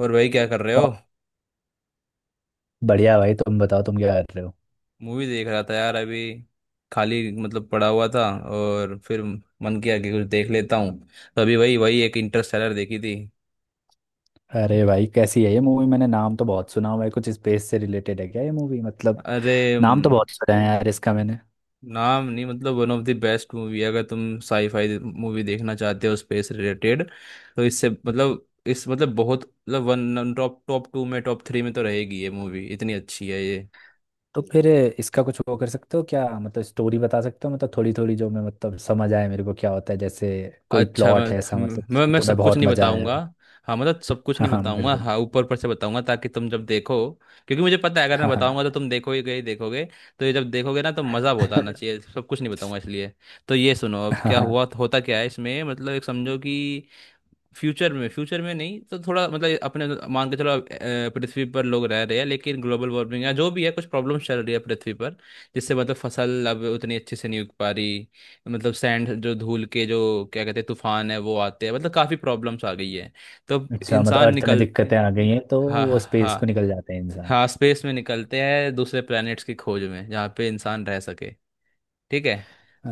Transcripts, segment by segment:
और भाई क्या कर रहे हो? और। बढ़िया भाई, तुम बताओ तुम क्या कर रहे हो? मूवी देख रहा था यार, अभी खाली, मतलब पड़ा हुआ था। और फिर मन किया कि कुछ देख लेता हूँ। तो अभी वही वही एक इंटरस्टेलर देखी थी। अरे भाई, कैसी है ये मूवी? मैंने नाम तो बहुत सुना हुआ है, कुछ स्पेस से रिलेटेड है क्या ये मूवी, मतलब? अरे, नाम तो बहुत सुना है यार इसका मैंने। नाम नहीं मतलब one of the best movie अगर तुम साईफाई मूवी देखना चाहते हो, स्पेस रिलेटेड। तो इससे मतलब इस मतलब बहुत मतलब वन टॉप, टॉप टू में, टॉप थ्री में तो रहेगी ये मूवी, इतनी अच्छी है ये। तो फिर इसका कुछ वो कर सकते हो क्या? मतलब स्टोरी बता सकते हो? मतलब थोड़ी थोड़ी जो मैं, मतलब, समझ आए मेरे को क्या होता है, जैसे कोई अच्छा, मैं प्लॉट है ऐसा, हम- मतलब? मैं तुम्हें सब कुछ बहुत नहीं मजा आया बताऊंगा। हो? हाँ मतलब सब कुछ हाँ नहीं हाँ, बताऊंगा, बिल्कुल। हाँ ऊपर ऊपर से बताऊंगा ताकि तुम जब देखो, क्योंकि मुझे पता है अगर मैं हाँ बताऊंगा तो हाँ। तुम देखो ही गए, देखोगे। तो ये जब देखोगे ना तो मज़ा बहुत आना चाहिए, सब कुछ नहीं बताऊंगा इसलिए। तो ये सुनो, अब हाँ क्या हुआ, हाँ। होता क्या है इसमें, मतलब एक समझो कि फ्यूचर में नहीं तो थोड़ा मतलब अपने मान के चलो, पृथ्वी पर लोग रह रहे हैं, लेकिन ग्लोबल वार्मिंग या जो भी है कुछ प्रॉब्लम चल रही है पृथ्वी पर, जिससे मतलब फसल अब उतनी अच्छे से नहीं उग पा रही। मतलब सैंड, जो धूल के जो क्या कहते हैं तूफान है, वो आते हैं, मतलब काफ़ी प्रॉब्लम्स आ गई है। तो अच्छा, मतलब इंसान अर्थ में निकल... दिक्कतें आ गई हैं तो हाँ, वो हाँ, स्पेस हाँ। को निकल जाते हैं इंसान। हाँ स्पेस में निकलते हैं दूसरे प्लैनेट्स की खोज में, जहाँ पे इंसान रह सके। ठीक है।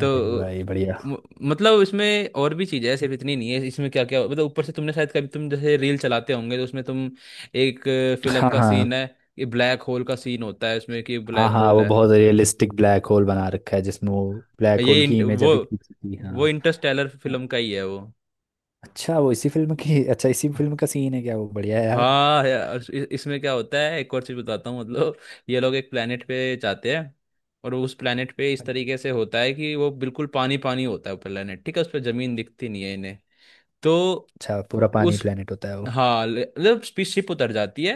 तो भाई बढ़िया। म- मतलब इसमें और भी चीजें हैं, सिर्फ इतनी नहीं है इसमें, क्या क्या मतलब। ऊपर से तुमने शायद कभी, तुम जैसे रील चलाते होंगे तो उसमें तुम एक फिल्म हाँ का हाँ सीन है कि ब्लैक होल का सीन होता है उसमें, कि हाँ। ब्लैक हाँ होल वो है। बहुत रियलिस्टिक ब्लैक होल बना रखा है, जिसमें वो ब्लैक होल ये की इंट, इमेज अभी खींची थी, वो हाँ। इंटरस्टेलर वो- फिल्म का ही है वो। अच्छा वो इसी फिल्म की, अच्छा इसी फिल्म का सीन है क्या वो? बढ़िया है यार। हाँ यार, इसमें क्या होता है, एक और चीज बताता हूँ मतलब, ये लोग एक planet पे जाते हैं, और उस planet पे इस तरीके से होता है कि वो बिल्कुल पानी पानी होता है वो planet, ठीक है। उस पर जमीन दिखती नहीं है इन्हें। तो अच्छा, पूरा पानी उस... प्लेनेट होता है वो। हाँ मतलब शिप उतर जाती है।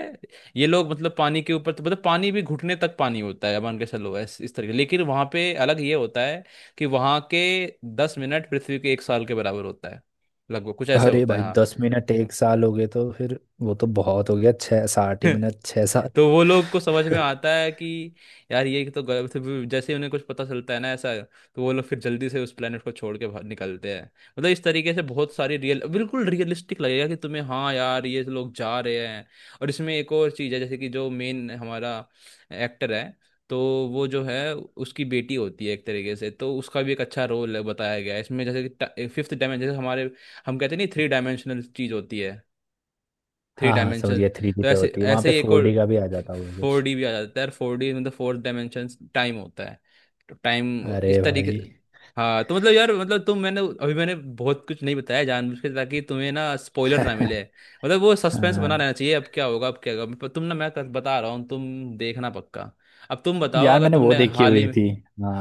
ये लोग मतलब पानी के ऊपर, तो मतलब पानी भी घुटने तक पानी होता है मान के चलो, इस तरीके, लेकिन वहां पे अलग ये होता है कि वहां के 10 मिनट पृथ्वी के एक साल के बराबर होता है। लगभग कुछ ऐसे अरे होता है, भाई, हाँ। 10 मिनट 1 साल हो गए तो फिर वो तो बहुत हो गया, छः साठ ही मिनट, छः सात। तो वो लोग को समझ में आता है कि यार ये तो गलत है। जैसे ही उन्हें कुछ पता चलता है ना ऐसा, तो वो लोग फिर जल्दी से उस प्लेनेट को छोड़ के बाहर निकलते हैं। मतलब इस तरीके से बहुत सारी रियल, बिल्कुल रियलिस्टिक लगेगा कि तुम्हें, हाँ यार ये लोग जा रहे हैं। और इसमें एक और चीज़ है, जैसे कि जो मेन हमारा एक्टर है, तो वो जो है उसकी बेटी होती है एक तरीके से, तो उसका भी एक अच्छा रोल है बताया गया है इसमें। जैसे कि फिफ्थ डायमेंशन, जैसे हमारे, हम कहते हैं नहीं, थ्री डायमेंशनल चीज़ होती है। थ्री हाँ हाँ, समझ डायमेंशन, गया, थ्री डी तो पे ऐसे होती है, वहाँ ऐसे पे ही एक फोर और, डी का भी आ जाता होगा फोर कुछ। डी भी आ जाता है यार। फोर डी मतलब फोर्थ डायमेंशन, टाइम होता है। तो टाइम अरे इस तरीके... भाई। हाँ तो मतलब यार, मतलब तुम, मैंने अभी मैंने बहुत कुछ नहीं बताया जानबूझ के, ताकि तुम्हें ना स्पॉइलर ना मिले, मतलब वो सस्पेंस बना हाँ रहना चाहिए, अब क्या होगा, अब क्या होगा, पर तुम ना, मैं बता रहा हूँ, तुम देखना पक्का। अब तुम बताओ यार अगर मैंने वो तुमने देखी हाल ही हुई में... थी।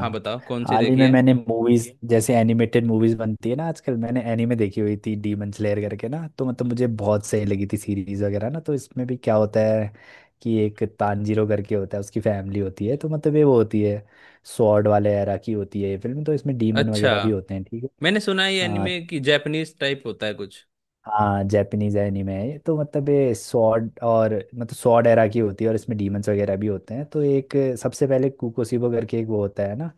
हाँ बताओ कौन सी हाल ही देखी में है। मैंने मूवीज, जैसे एनिमेटेड मूवीज बनती है ना आजकल, मैंने एनीमे देखी हुई थी डीमन स्लेयर करके ना, तो मतलब मुझे बहुत सही लगी थी सीरीज वगैरह ना, तो इसमें भी क्या होता है कि एक तानजीरो करके होता है, उसकी फैमिली होती है, तो मतलब ये वो होती है, स्वॉर्ड वाले एरा की होती है ये फिल्म, तो इसमें डीमन अच्छा, वगैरह भी होते हैं, ठीक है। मैंने सुना है ये हाँ एनिमे की जापानीज टाइप होता है कुछ। हाँ, जैपनीज एनिमे है ये, तो मतलब ये सॉर्ड, और मतलब सॉर्ड एरा की होती है, और इसमें डीमंस वगैरह भी होते हैं, तो एक सबसे पहले कुकोसीबो करके एक वो होता है ना,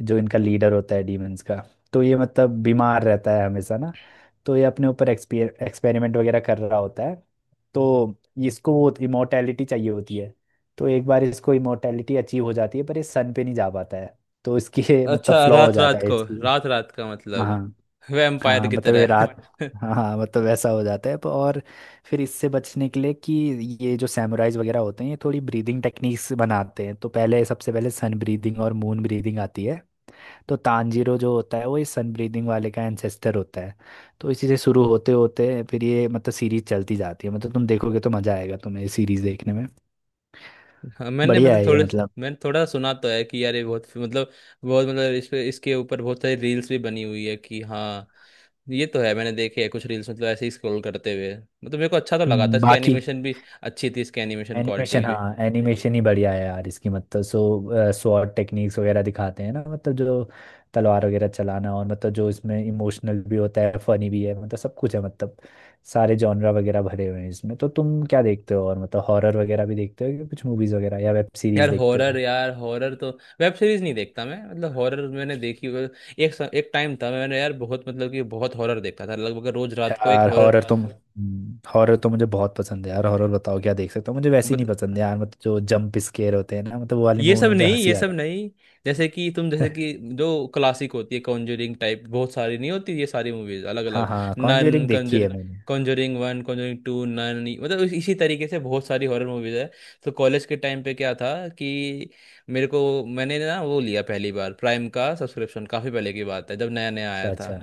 जो इनका लीडर होता है डीमंस का। तो ये मतलब बीमार रहता है हमेशा ना, तो ये अपने ऊपर एक्सपेरिमेंट वगैरह कर रहा होता है। तो इसको वो इमोर्टैलिटी चाहिए होती है, तो एक बार इसको इमोर्टैलिटी अचीव हो जाती है, पर ये सन पे नहीं जा पाता है। तो इसकी मतलब अच्छा, फ्लॉ हो रात जाता रात है को, इसकी। रात रात का मतलब हाँ वैम्पायर हाँ, की मतलब ये तरह। रात, और हाँ हाँ मतलब वैसा हो जाता है, और फिर इससे बचने के लिए कि ये जो सैमुराइज वगैरह होते हैं ये थोड़ी ब्रीदिंग टेक्निक्स बनाते हैं, तो पहले सबसे पहले सन ब्रीदिंग और मून ब्रीदिंग आती है। तो तानजीरो जो होता है, वो इस सन ब्रीदिंग वाले का एंसेस्टर होता है। तो इसी से शुरू होते होते फिर ये मतलब सीरीज चलती जाती है, मतलब तुम देखोगे तो मजा आएगा तुम्हें ये सीरीज देखने में। हाँ, मैंने बढ़िया मतलब है ये, थोड़े, मतलब। मैंने थोड़ा सुना तो है कि यार ये बहुत मतलब, बहुत मतलब इस पे इसके ऊपर बहुत सारी रील्स भी बनी हुई है, कि हाँ। ये तो है, मैंने देखे है कुछ रील्स, मतलब ऐसे ही स्क्रॉल करते हुए, मतलब मेरे को अच्छा तो लगा था, इसकी बाकी एनिमेशन भी अच्छी थी, इसकी एनिमेशन क्वालिटी एनिमेशन, भी। हाँ, एनिमेशन ही बढ़िया है यार इसकी, मतलब। सो स्वॉर्ड टेक्निक्स वगैरह दिखाते हैं ना, मतलब जो तलवार वगैरह चलाना, और मतलब जो इसमें इमोशनल भी होता है, फनी भी है, मतलब सब कुछ है, मतलब सारे जॉनरा वगैरह भरे हुए हैं इसमें। तो तुम क्या देखते हो? और मतलब हॉरर वगैरह भी देखते हो या कुछ मूवीज वगैरह या वेब सीरीज यार देखते हॉरर, हो? यार हॉरर तो, वेब सीरीज नहीं देखता मैं, मतलब हॉरर मैंने देखी हुई। एक एक टाइम था, मैंने यार बहुत मतलब कि बहुत हॉरर देखता था लगभग रोज रात को एक यार हॉरर। हॉरर तो, हॉरर तो मुझे बहुत पसंद है यार। हॉरर बताओ क्या देख सकता हूँ। मुझे वैसी नहीं पसंद है यार, मतलब जो जंप स्केयर होते हैं ना, मतलब वो वाली ये मूवी सब मुझे नहीं, ये हंसी सब आता नहीं, जैसे कि तुम, जैसे है। कि जो क्लासिक होती है कॉन्जरिंग टाइप, बहुत सारी, नहीं होती ये सारी मूवीज अलग हाँ अलग। हाँ, नन, कॉन्जरिंग देखी कॉन्जरिंग, है मैंने। Conjuring one, Conjuring two, Nun, मतलब इसी तरीके से बहुत सारी हॉरर मूवीज है। तो कॉलेज के टाइम पे क्या था कि मेरे को, मैंने ना वो लिया पहली बार प्राइम का सब्सक्रिप्शन, काफ़ी पहले की बात है जब नया नया अच्छा, आया था। अच्छा।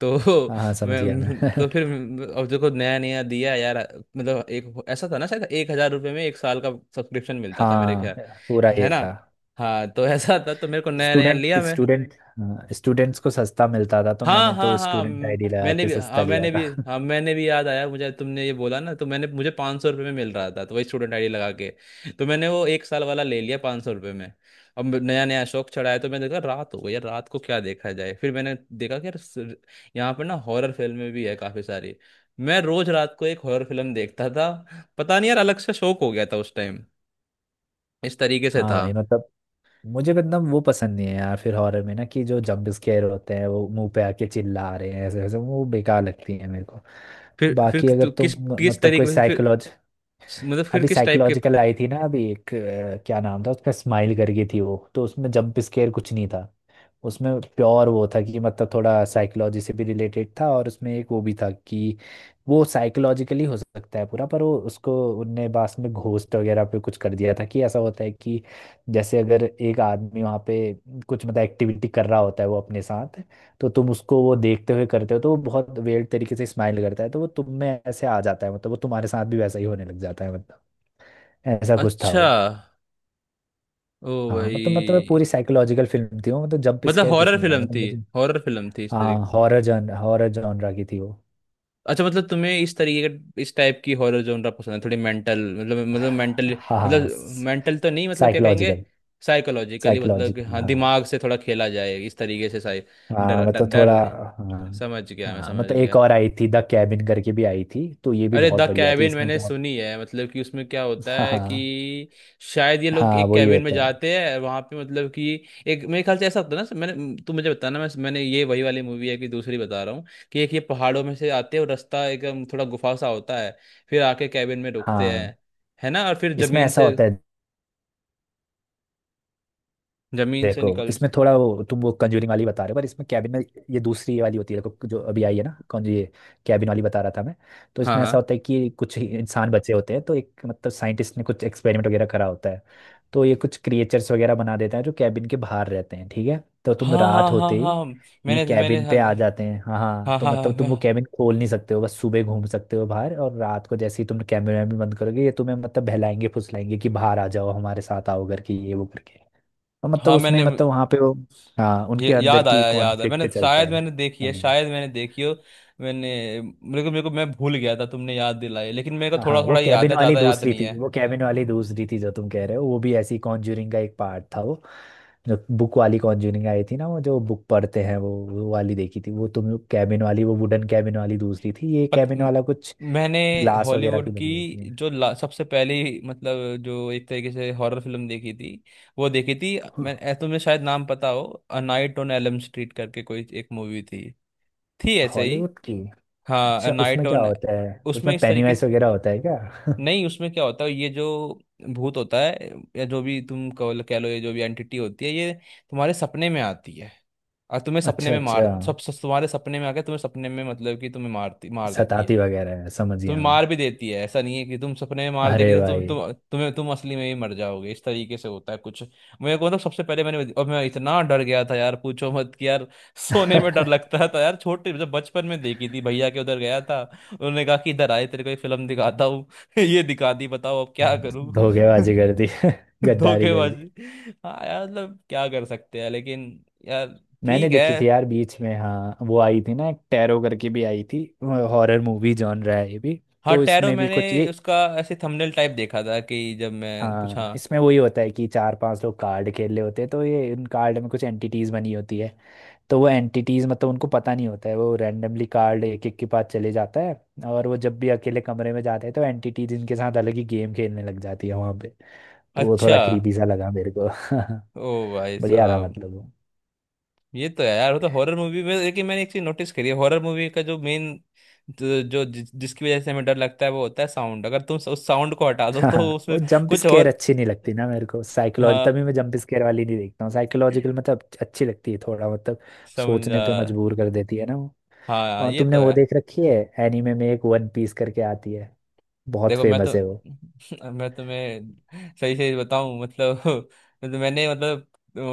तो हाँ हाँ, समझ गया मैं मैं। तो फिर, अब देखो नया नया दिया यार, मतलब एक ऐसा था ना शायद 1,000 रुपये में एक साल का सब्सक्रिप्शन मिलता था मेरे हाँ, ख्याल, पूरा है ये ना। था। हाँ तो ऐसा था, तो मेरे को नया नया स्टूडेंट लिया मैं। स्टूडेंट, हाँ, स्टूडेंट्स को सस्ता मिलता था तो हाँ, मैंने हाँ, तो हाँ, स्टूडेंट आईडी लगा मैंने के भी, सस्ता हाँ लिया मैंने भी, था। हाँ मैंने भी याद आया मुझे, तुमने ये बोला ना, तो मैंने, मुझे 500 रुपये में मिल रहा था, तो वही स्टूडेंट आईडी लगा के तो मैंने वो एक साल वाला ले लिया 500 रुपये में। अब नया नया शौक चढ़ा है, तो मैंने देखा रात हो गई यार, रात को क्या देखा जाए। फिर मैंने देखा कि यार यहाँ पर ना हॉरर फिल्में भी है काफ़ी सारी। मैं रोज रात को एक हॉरर फिल्म देखता था। पता नहीं यार, अलग से शौक हो गया था उस टाइम, इस तरीके से हाँ था। भाई, मतलब मुझे एकदम वो पसंद नहीं है यार फिर हॉरर में ना, कि जो जंप स्केयर होते हैं वो मुंह पे आके चिल्ला रहे हैं ऐसे वैसे, वो बेकार लगती है मेरे को। फिर बाकी अगर किस, तुम किस मतलब कोई तरीके से फिर, साइकोलॉज मतलब फिर अभी किस टाइप के? साइकोलॉजिकल आई थी ना, अभी एक, क्या नाम था उसका, स्माइल करके थी वो, तो उसमें जंप स्केयर कुछ नहीं था। उसमें प्योर वो था कि मतलब थोड़ा साइकोलॉजी से भी रिलेटेड था, और उसमें एक वो भी था कि वो साइकोलॉजिकली हो सकता है पूरा, पर वो उसको उनने बाद में घोस्ट वगैरह पे कुछ कर दिया था कि ऐसा होता है कि जैसे अगर एक आदमी वहाँ पे कुछ मतलब एक्टिविटी कर रहा होता है वो अपने साथ, तो तुम उसको वो देखते हुए करते हो तो वो बहुत वेird तरीके से स्माइल करता है, तो वो तुम में ऐसे आ जाता है, मतलब वो तुम्हारे साथ भी वैसा ही होने लग जाता है, मतलब ऐसा कुछ था अच्छा, वो। ओ हाँ भाई, मतलब पूरी साइकोलॉजिकल फिल्म थी वो, मतलब जंप मतलब स्केयर कुछ हॉरर नहीं था, फिल्म मतलब थी। मुझे। हॉरर फिल्म थी इस तरीके। हाँ हॉरर जॉनरा की थी वो। अच्छा मतलब तुम्हें इस तरीके का, इस टाइप की हॉरर जोनरा पसंद है, थोड़ी मेंटल, मतलब मतलब मेंटल, हाँ हाँ, मतलब मेंटल तो नहीं, मतलब क्या कहेंगे, साइकोलॉजिकल। साइकोलॉजिकली मतलब कि साइकोलॉजिकल, हाँ हाँ। दिमाग से थोड़ा खेला जाए इस तरीके से। साइ हाँ डर, डर, मतलब थोड़ा, डर। हाँ। समझ गया मैं, हाँ समझ मतलब गया। एक और आई थी द कैबिन करके भी आई थी, तो ये भी अरे द बहुत बढ़िया थी, कैबिन इसमें मैंने क्या। सुनी है, मतलब कि उसमें क्या होता हाँ है कि हाँ शायद ये लोग हाँ, एक वही कैबिन में होता है। जाते हैं वहां पे, मतलब कि एक मेरे ख्याल से ऐसा होता है ना, मैंने तू मुझे बताना, मैंने ये वही वाली मूवी है कि दूसरी बता रहा हूँ, कि एक ये पहाड़ों में से आते हैं और रास्ता एकदम थोड़ा गुफा सा होता है, फिर आके कैबिन में रुकते हाँ हैं, है ना। और फिर इसमें जमीन ऐसा से, होता है, जमीन से देखो निकल... इसमें थोड़ा वो, तुम वो कंजूरिंग वाली बता रहे हो, पर इसमें कैबिन में ये दूसरी वाली होती है, देखो जो अभी आई है ना, कौन, ये कैबिन वाली बता रहा था मैं। तो हाँ, इसमें ऐसा हाँ, होता है कि कुछ ही इंसान बचे होते हैं तो एक मतलब साइंटिस्ट ने कुछ एक्सपेरिमेंट वगैरह करा होता है। तो ये कुछ क्रिएचर्स वगैरह बना देते हैं जो कैबिन के बाहर रहते हैं, ठीक है। तो तुम हाँ, हाँ, रात हाँ, होते ही हाँ, ये मैंने मैंने, कैबिन हाँ, पे आ जाते हैं, हाँ हाँ, हाँ, तो हाँ, हाँ, मतलब तुम वो कैबिन खोल नहीं सकते हो, बस सुबह घूम सकते हो बाहर, और रात को जैसे ही तुम कैमरे में बंद करोगे ये तुम्हें मतलब बहलाएंगे फुसलाएंगे कि बाहर आ जाओ हमारे साथ आओ करके, ये वो करके। और मतलब हाँ, उसमें मैंने मतलब वहां पे वो, हाँ ये उनके अंदर याद की आया, याद आया। मैंने कॉन्फ्लिक्ट चलता शायद है। मैंने देखी है, हम्म, शायद मैंने देखी हो। मैंने... मेरे को मैं भूल गया था, तुमने याद दिलाई, लेकिन मेरे को हाँ थोड़ा वो थोड़ा याद कैबिन है, वाली ज़्यादा याद दूसरी नहीं थी, है। वो कैबिन वाली दूसरी थी जो तुम कह रहे हो, वो भी ऐसी कॉन्ज्यूरिंग का एक पार्ट था वो, जो बुक वाली कॉन्ज्यूरिंग आई थी ना वो, जो बुक पढ़ते हैं वो वाली देखी थी वो, तुम कैबिन वाली वो वुडन कैबिन वाली दूसरी थी, ये पत कैबिन म- वाला कुछ मैंने ग्लास वगैरह हॉलीवुड की की, बनी होती है। जो सबसे पहली मतलब जो एक तरीके से हॉरर फिल्म देखी थी वो देखी थी मैं। तुम्हें शायद नाम पता हो, a night on Elm Street करके कोई एक मूवी थी ऐसे ही। हॉलीवुड की। हाँ, अ अच्छा, उसमें नाइट क्या ऑन, होता है? उसमें उसमें इस तरीके पेनीवाइज से, वगैरह होता है क्या? नहीं, उसमें क्या होता है, ये जो भूत होता है, या जो भी तुम कह लो, ये जो भी एंटिटी होती है, ये तुम्हारे सपने में आती है, और तुम्हें सपने अच्छा में अच्छा, मार, सब सब तुम्हारे सपने में आके तुम्हें सपने में, मतलब कि तुम्हें मारती, मार देती सताती है। वगैरह है, समझ तुम्हें गया मैं। मार भी देती है, ऐसा नहीं है कि तुम सपने में मार अरे देगी तो तुम, भाई। तुम असली में भी मर जाओगे, इस तरीके से होता है कुछ। मेरे को मतलब सबसे पहले मैंने, और मैं इतना डर गया था यार, पूछो मत, कि यार सोने में डर लगता था यार, छोटे, जब बचपन में देखी थी भैया के उधर गया था, उन्होंने कहा कि इधर आए तेरे को एक फिल्म दिखाता, ये दिखा दी, बताओ अब क्या करूं। धोखेबाजी कर दी। गद्दारी कर दी। धोखेबाजी। हाँ यार मतलब क्या कर सकते हैं, लेकिन यार। मैंने ठीक है। देखी थी यार बीच में, हाँ वो आई थी ना एक टैरो करके भी आई थी, हॉरर मूवी जॉनर है ये भी, हाँ, तो टैरो, इसमें भी मैंने कुछ ये, उसका ऐसे थंबनेल टाइप देखा था कि जब मैं कुछ, हाँ हाँ। इसमें वही होता है कि चार पांच लोग कार्ड खेल रहे होते हैं तो ये इन कार्ड में कुछ एंटिटीज बनी होती है। तो वो एंटिटीज, मतलब उनको पता नहीं होता है, वो रैंडमली कार्ड एक एक के पास चले जाता है, और वो जब भी अकेले कमरे में जाते हैं तो एंटिटीज इनके साथ अलग ही गेम खेलने लग जाती है वहां पे, तो वो अच्छा, थोड़ा क्रीपी सा लगा मेरे को। ओ भाई बढ़िया था साहब। मतलब वो। ये तो है यार, वो तो हॉरर मूवी में, लेकिन मैंने एक चीज नोटिस करी है हॉरर मूवी का, जो मेन जो, जो जिस, जिसकी वजह से हमें डर लगता है, वो होता है साउंड। अगर तुम उस साउंड को हटा दो हाँ तो उसमें वो जंप कुछ स्केयर और... अच्छी नहीं लगती ना मेरे को, साइकोलॉजी, हाँ, तभी मैं जंप स्केयर वाली नहीं देखता हूँ, साइकोलॉजिकल मतलब अच्छी लगती है, थोड़ा मतलब समझा, सोचने पे मजबूर कर देती है ना वो। हाँ, और ये तुमने तो वो है। देख रखी है एनीमे में, एक वन पीस करके आती है, बहुत देखो, मैं फेमस है वो। तो मैं तुम्हें सही सही बताऊं मतलब, तो मैंने मतलब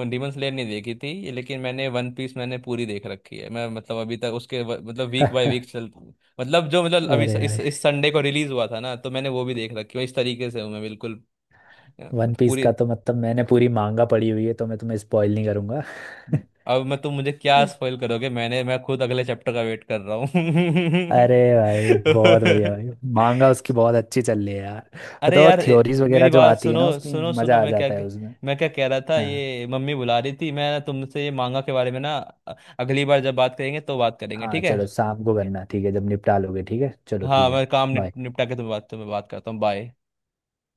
डीमन स्लेयर नहीं देखी थी, लेकिन मैंने वन पीस मैंने पूरी देख रखी है, मैं मतलब अभी तक उसके मतलब वीक बाय अरे वीक चल, मतलब जो, मतलब अभी इस भाई, इस संडे को रिलीज हुआ था ना, तो मैंने वो भी देख रखी है, इस तरीके से हूँ मैं बिल्कुल। वन मतलब पीस पूरी, का तो मतलब मैंने पूरी मांगा पड़ी हुई है तो मैं तुम्हें स्पॉइल नहीं करूंगा। अब मैं तुम, मुझे क्या स्पॉइल करोगे, मैं खुद अगले चैप्टर का वेट कर रहा अरे भाई बहुत बढ़िया हूँ। भाई, मांगा उसकी बहुत अच्छी चल रही है यार, अरे मतलब और यार, थ्योरीज मेरी वगैरह जो बात आती है सुनो, ना उसकी, सुनो, सुनो। मजा आ जाता है उसमें। मैं क्या कह रहा था, हाँ। ये मम्मी बुला रही थी, मैं तुमसे ये मांगा के बारे में ना, अगली बार जब बात करेंगे तो बात करेंगे, हाँ ठीक है। चलो, शाम को करना, ठीक है जब निपटा लोगे, ठीक है, चलो हाँ, ठीक है। मैं काम बाय। निपटा के तुम्हें, बात करता हूँ। बाय।